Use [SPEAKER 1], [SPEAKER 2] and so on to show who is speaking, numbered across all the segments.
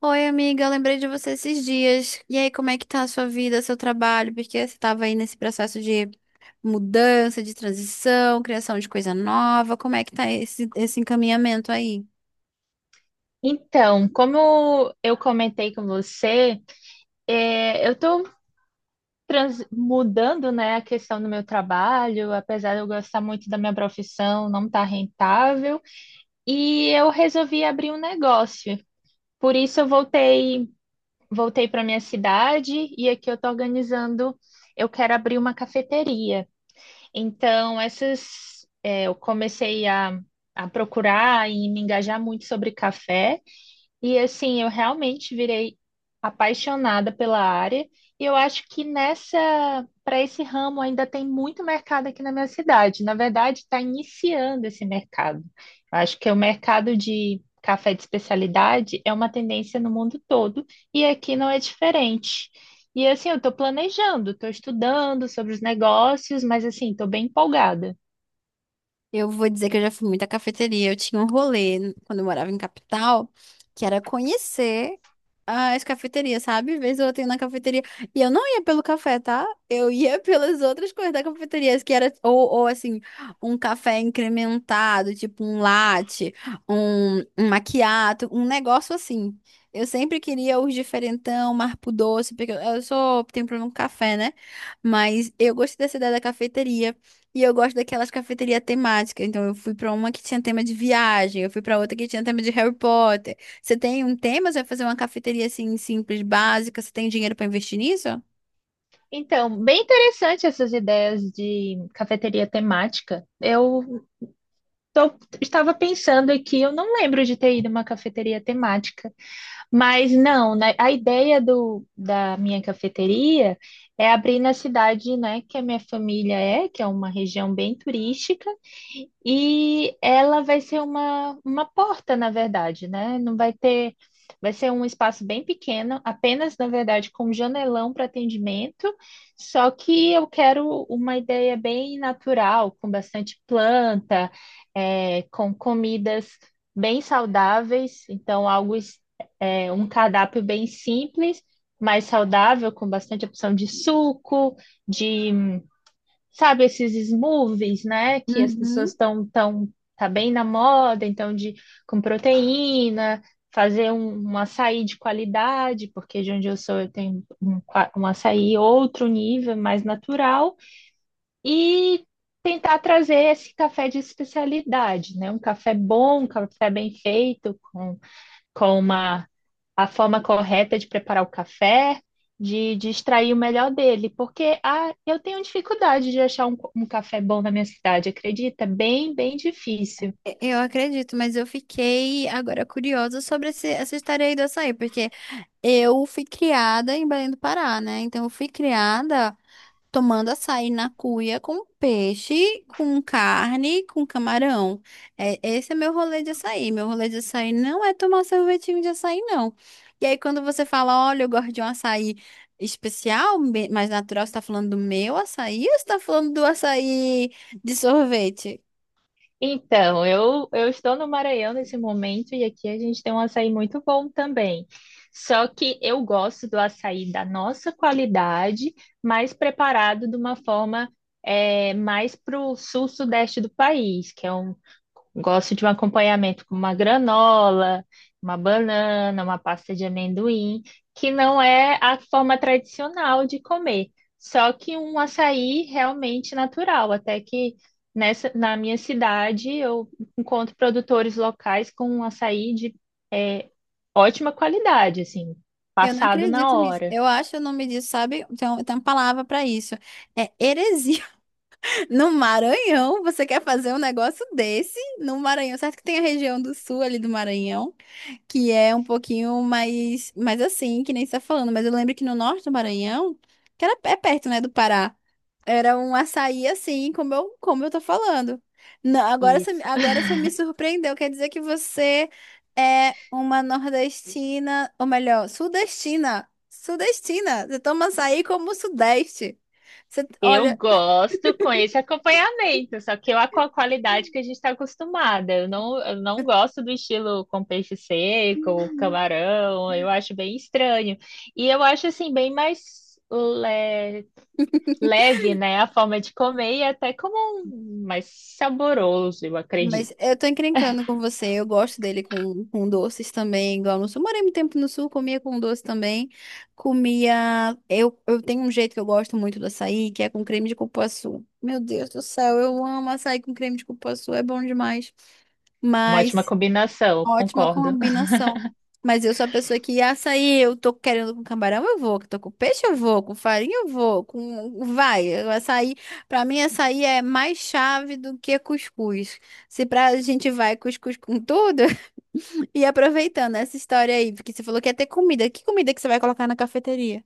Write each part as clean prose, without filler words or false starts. [SPEAKER 1] Oi, amiga, eu lembrei de você esses dias. E aí, como é que tá a sua vida, seu trabalho? Porque você estava aí nesse processo de mudança, de transição, criação de coisa nova. Como é que tá esse encaminhamento aí?
[SPEAKER 2] Então, como eu comentei com você, eu estou mudando, né, a questão do meu trabalho, apesar de eu gostar muito da minha profissão, não está rentável, e eu resolvi abrir um negócio. Por isso eu voltei para minha cidade e aqui eu estou organizando, eu quero abrir uma cafeteria. Então, eu comecei a procurar e me engajar muito sobre café. E assim, eu realmente virei apaixonada pela área e eu acho que nessa para esse ramo ainda tem muito mercado aqui na minha cidade. Na verdade, está iniciando esse mercado. Eu acho que o mercado de café de especialidade é uma tendência no mundo todo e aqui não é diferente. E assim, eu estou planejando, estou estudando sobre os negócios, mas assim, estou bem empolgada.
[SPEAKER 1] Eu vou dizer que eu já fui muita cafeteria. Eu tinha um rolê quando eu morava em capital, que era conhecer as cafeterias, sabe? Vez ou outra eu ia na cafeteria. E eu não ia pelo café, tá? Eu ia pelas outras coisas da cafeteria, que era, ou assim, um café incrementado, tipo um latte, um macchiato, um negócio assim. Eu sempre queria os diferentão, marco doce, porque eu sou, tenho problema com café, né? Mas eu gostei dessa ideia da cafeteria. E eu gosto daquelas cafeterias temáticas. Então, eu fui pra uma que tinha tema de viagem, eu fui pra outra que tinha tema de Harry Potter. Você tem um tema, você vai fazer uma cafeteria assim, simples, básica. Você tem dinheiro pra investir nisso?
[SPEAKER 2] Então, bem interessante essas ideias de cafeteria temática. Estava pensando aqui, eu não lembro de ter ido a uma cafeteria temática, mas não, né, a ideia da minha cafeteria é abrir na cidade, né, que a minha que é uma região bem turística, e ela vai ser uma porta, na verdade, né? Não vai ter. Vai ser um espaço bem pequeno, apenas, na verdade, com um janelão para atendimento. Só que eu quero uma ideia bem natural, com bastante planta, com comidas bem saudáveis. Então, um cardápio bem simples, mais saudável, com bastante opção de suco, sabe, esses smoothies, né? Que as pessoas
[SPEAKER 1] Uhum.
[SPEAKER 2] tá bem na moda, então, de com proteína, fazer um açaí de qualidade, porque de onde eu sou eu tenho um açaí outro nível, mais natural, e tentar trazer esse café de especialidade, né? Um café bom, um café bem feito, com uma a forma correta de preparar o café, de extrair o melhor dele, porque eu tenho dificuldade de achar um café bom na minha cidade, acredita? Bem difícil.
[SPEAKER 1] Eu acredito, mas eu fiquei agora curiosa sobre essa história aí do açaí, porque eu fui criada em Belém do Pará, né? Então, eu fui criada. Tomando açaí na cuia com peixe, com carne, com camarão. É, esse é meu rolê de açaí. Meu rolê de açaí não é tomar sorvetinho de açaí, não. E aí, quando você fala, olha, eu gosto de um açaí especial, mais natural, você tá falando do meu açaí ou você tá falando do açaí de sorvete?
[SPEAKER 2] Então, eu estou no Maranhão nesse momento e aqui a gente tem um açaí muito bom também. Só que eu gosto do açaí da nossa qualidade, mas preparado de uma forma mais para o sul-sudeste do país, que é um, gosto de um acompanhamento com uma granola, uma banana, uma pasta de amendoim, que não é a forma tradicional de comer, só que um açaí realmente natural. Até que na minha cidade eu encontro produtores locais com um açaí de é, ótima qualidade, assim,
[SPEAKER 1] Eu não
[SPEAKER 2] passado na
[SPEAKER 1] acredito nisso.
[SPEAKER 2] hora.
[SPEAKER 1] Eu acho o nome disso, sabe? Tem, um, tem uma palavra para isso. É heresia. No Maranhão, você quer fazer um negócio desse no Maranhão? Certo que tem a região do sul ali do Maranhão, que é um pouquinho mais, mais assim, que nem você tá falando, mas eu lembro que no norte do Maranhão, que era, é perto, né, do Pará, era um açaí assim, como eu tô falando. Não,
[SPEAKER 2] Isso.
[SPEAKER 1] agora você me surpreendeu, quer dizer que você é uma nordestina, ou melhor, sudestina. Sudestina, você toma açaí como o sudeste. Você,
[SPEAKER 2] Eu
[SPEAKER 1] olha.
[SPEAKER 2] gosto com esse acompanhamento, só que eu com a qualidade que a gente está acostumada. Eu não gosto do estilo com peixe seco, camarão, eu acho bem estranho. E eu acho assim, leve, né? A forma de comer e até como mais saboroso, eu
[SPEAKER 1] Mas
[SPEAKER 2] acredito.
[SPEAKER 1] eu tô encrencando com você. Eu gosto dele com doces também, igual no sul. Morei muito tempo no sul, comia com doce também. Comia. Eu tenho um jeito que eu gosto muito do açaí, que é com creme de cupuaçu. Meu Deus do céu, eu amo açaí com creme de cupuaçu, é bom demais.
[SPEAKER 2] É uma ótima
[SPEAKER 1] Mas.
[SPEAKER 2] combinação,
[SPEAKER 1] Ótima
[SPEAKER 2] concordo.
[SPEAKER 1] combinação. Mas eu sou a pessoa que açaí, eu tô querendo com camarão, eu vou, que tô com peixe, eu vou, com farinha, eu vou, com vai, o açaí, pra mim açaí é mais chave do que cuscuz. Se pra gente vai cuscuz com tudo, e aproveitando essa história aí, porque você falou que ia ter comida que você vai colocar na cafeteria?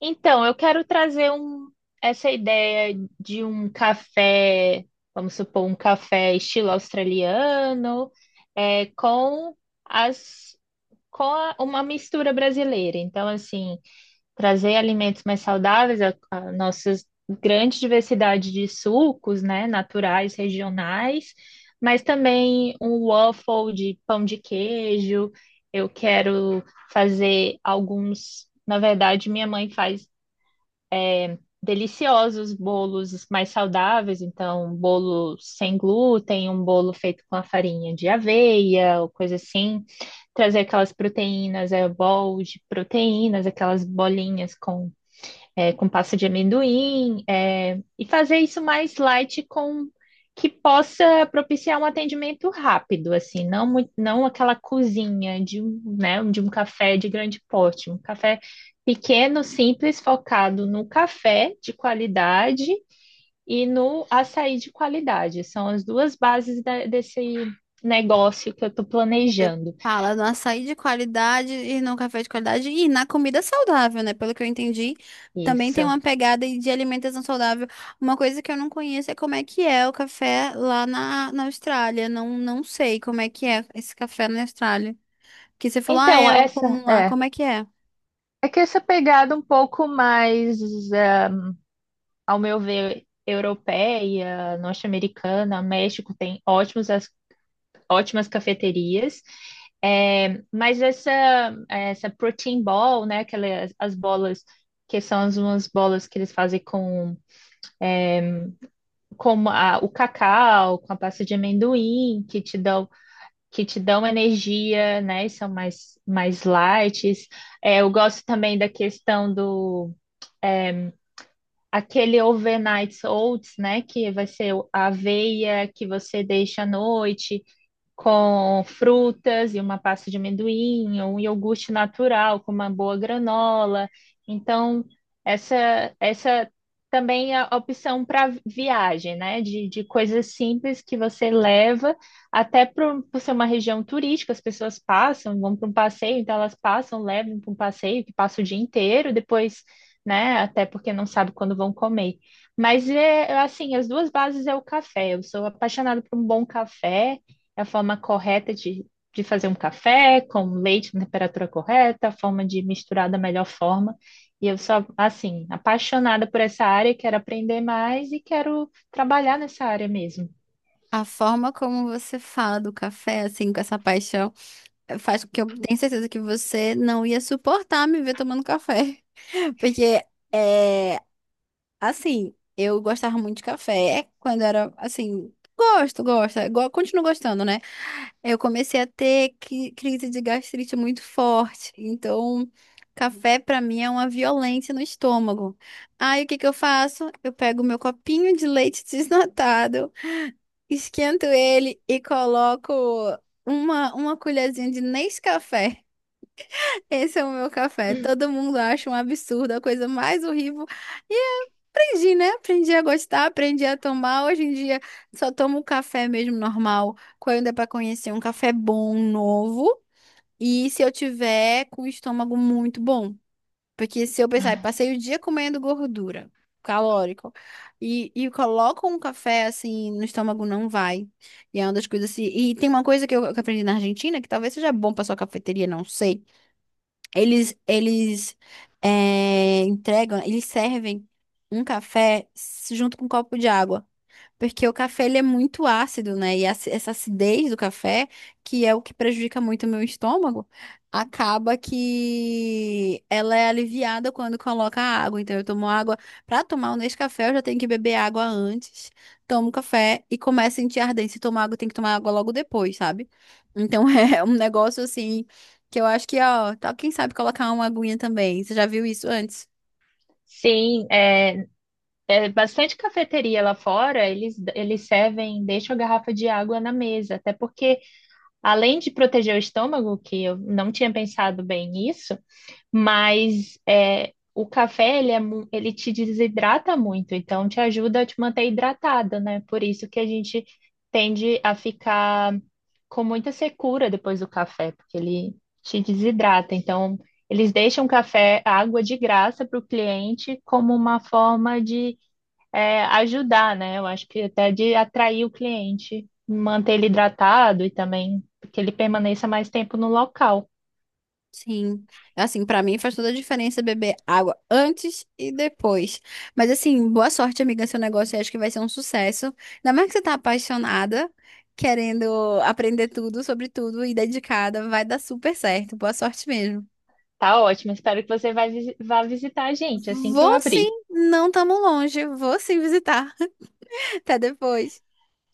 [SPEAKER 2] Então, eu quero trazer essa ideia de um café, vamos supor, um café estilo australiano, com as uma mistura brasileira. Então, assim, trazer alimentos mais saudáveis, a nossa grande diversidade de sucos, né, naturais, regionais, mas também um waffle de pão de queijo. Eu quero fazer alguns. Na verdade, minha mãe faz deliciosos bolos mais saudáveis, então um bolo sem glúten, um bolo feito com a farinha de aveia, ou coisa assim, trazer aquelas proteínas, bol de proteínas, aquelas bolinhas com com pasta de amendoim, e fazer isso mais light com que possa propiciar um atendimento rápido, assim, não aquela cozinha de de um café de grande porte, um café pequeno, simples, focado no café de qualidade e no açaí de qualidade. São as duas bases desse negócio que eu estou
[SPEAKER 1] Você
[SPEAKER 2] planejando.
[SPEAKER 1] fala no açaí de qualidade e no café de qualidade e na comida saudável, né? Pelo que eu entendi, também tem
[SPEAKER 2] Isso.
[SPEAKER 1] uma pegada aí de alimentação saudável. Uma coisa que eu não conheço é como é que é o café lá na Austrália. Não, não sei como é que é esse café na Austrália. Que você falou, ah,
[SPEAKER 2] Então,
[SPEAKER 1] é comum lá. Como é que é?
[SPEAKER 2] é que essa pegada um pouco mais é, ao meu ver, europeia, norte-americana, México tem ótimas cafeterias, é, mas essa, essa protein ball, né, aquelas, as bolas que são as umas bolas que eles fazem o cacau, com a pasta de amendoim, que te dão energia, né, e são mais, mais light. É, eu gosto também da questão do aquele overnight oats, né? Que vai ser a aveia que você deixa à noite, com frutas e uma pasta de amendoim, ou um iogurte natural com uma boa granola. Então, essa, essa também é a opção para viagem, né? De coisas simples que você leva, até por ser uma região turística, as pessoas passam, vão para um passeio, então elas passam, levam para um passeio que passa o dia inteiro, depois, né? Até porque não sabe quando vão comer. Mas é assim, as duas bases é o café. Eu sou apaixonada por um bom café. É a forma correta de fazer um café com leite na temperatura correta, a forma de misturar da melhor forma. E eu sou, assim, apaixonada por essa área, quero aprender mais e quero trabalhar nessa área mesmo.
[SPEAKER 1] A forma como você fala do café, assim, com essa paixão, faz com que eu tenha certeza que você não ia suportar me ver tomando café. Porque. É, assim, eu gostava muito de café é quando era assim. Gosto, gosto, continuo gostando, né? Eu comecei a ter crise de gastrite muito forte. Então, café pra mim é uma violência no estômago. Aí, o que que eu faço? Eu pego meu copinho de leite desnatado, esquento ele e coloco uma colherzinha de Nescafé. Esse é o meu café. Todo mundo acha um absurdo, a coisa mais horrível. Aprendi, né? Aprendi a gostar, aprendi a tomar. Hoje em dia só tomo um café mesmo normal, quando é para conhecer um café bom, novo, e se eu tiver com o estômago muito bom. Porque se eu pensar, "Ai, passei o dia comendo gordura, calórico, e coloco um café assim no estômago, não vai. E é uma das coisas assim. E tem uma coisa que eu aprendi na Argentina, que talvez seja bom para sua cafeteria, não sei eles entregam, eles servem um café junto com um copo de água. Porque o café ele é muito ácido, né? E essa acidez do café, que é o que prejudica muito o meu estômago, acaba que ela é aliviada quando coloca água. Então eu tomo água. Para tomar o Nescafé, eu já tenho que beber água antes. Tomo café e começo a sentir ardência. Se tomar água, tem que tomar água logo depois, sabe? Então é um negócio assim que eu acho que, ó, tá, quem sabe colocar uma aguinha também. Você já viu isso antes?
[SPEAKER 2] Sim, é bastante cafeteria lá fora, eles servem, deixam a garrafa de água na mesa, até porque, além de proteger o estômago, que eu não tinha pensado bem nisso, mas é, o café, ele te desidrata muito, então te ajuda a te manter hidratada, né? Por isso que a gente tende a ficar com muita secura depois do café, porque ele te desidrata. Então, eles deixam o café, a água de graça para o cliente como uma forma de ajudar, né? Eu acho que até de atrair o cliente, manter ele hidratado e também que ele permaneça mais tempo no local.
[SPEAKER 1] Sim, assim, pra mim faz toda a diferença beber água antes e depois. Mas assim, boa sorte, amiga, seu negócio, eu acho que vai ser um sucesso. Ainda mais que você tá apaixonada, querendo aprender tudo sobre tudo e dedicada, vai dar super certo. Boa sorte mesmo.
[SPEAKER 2] Tá ótimo, espero que você vá visitar a gente assim que eu
[SPEAKER 1] Vou sim,
[SPEAKER 2] abrir.
[SPEAKER 1] não tamo longe, vou sim visitar. Até depois.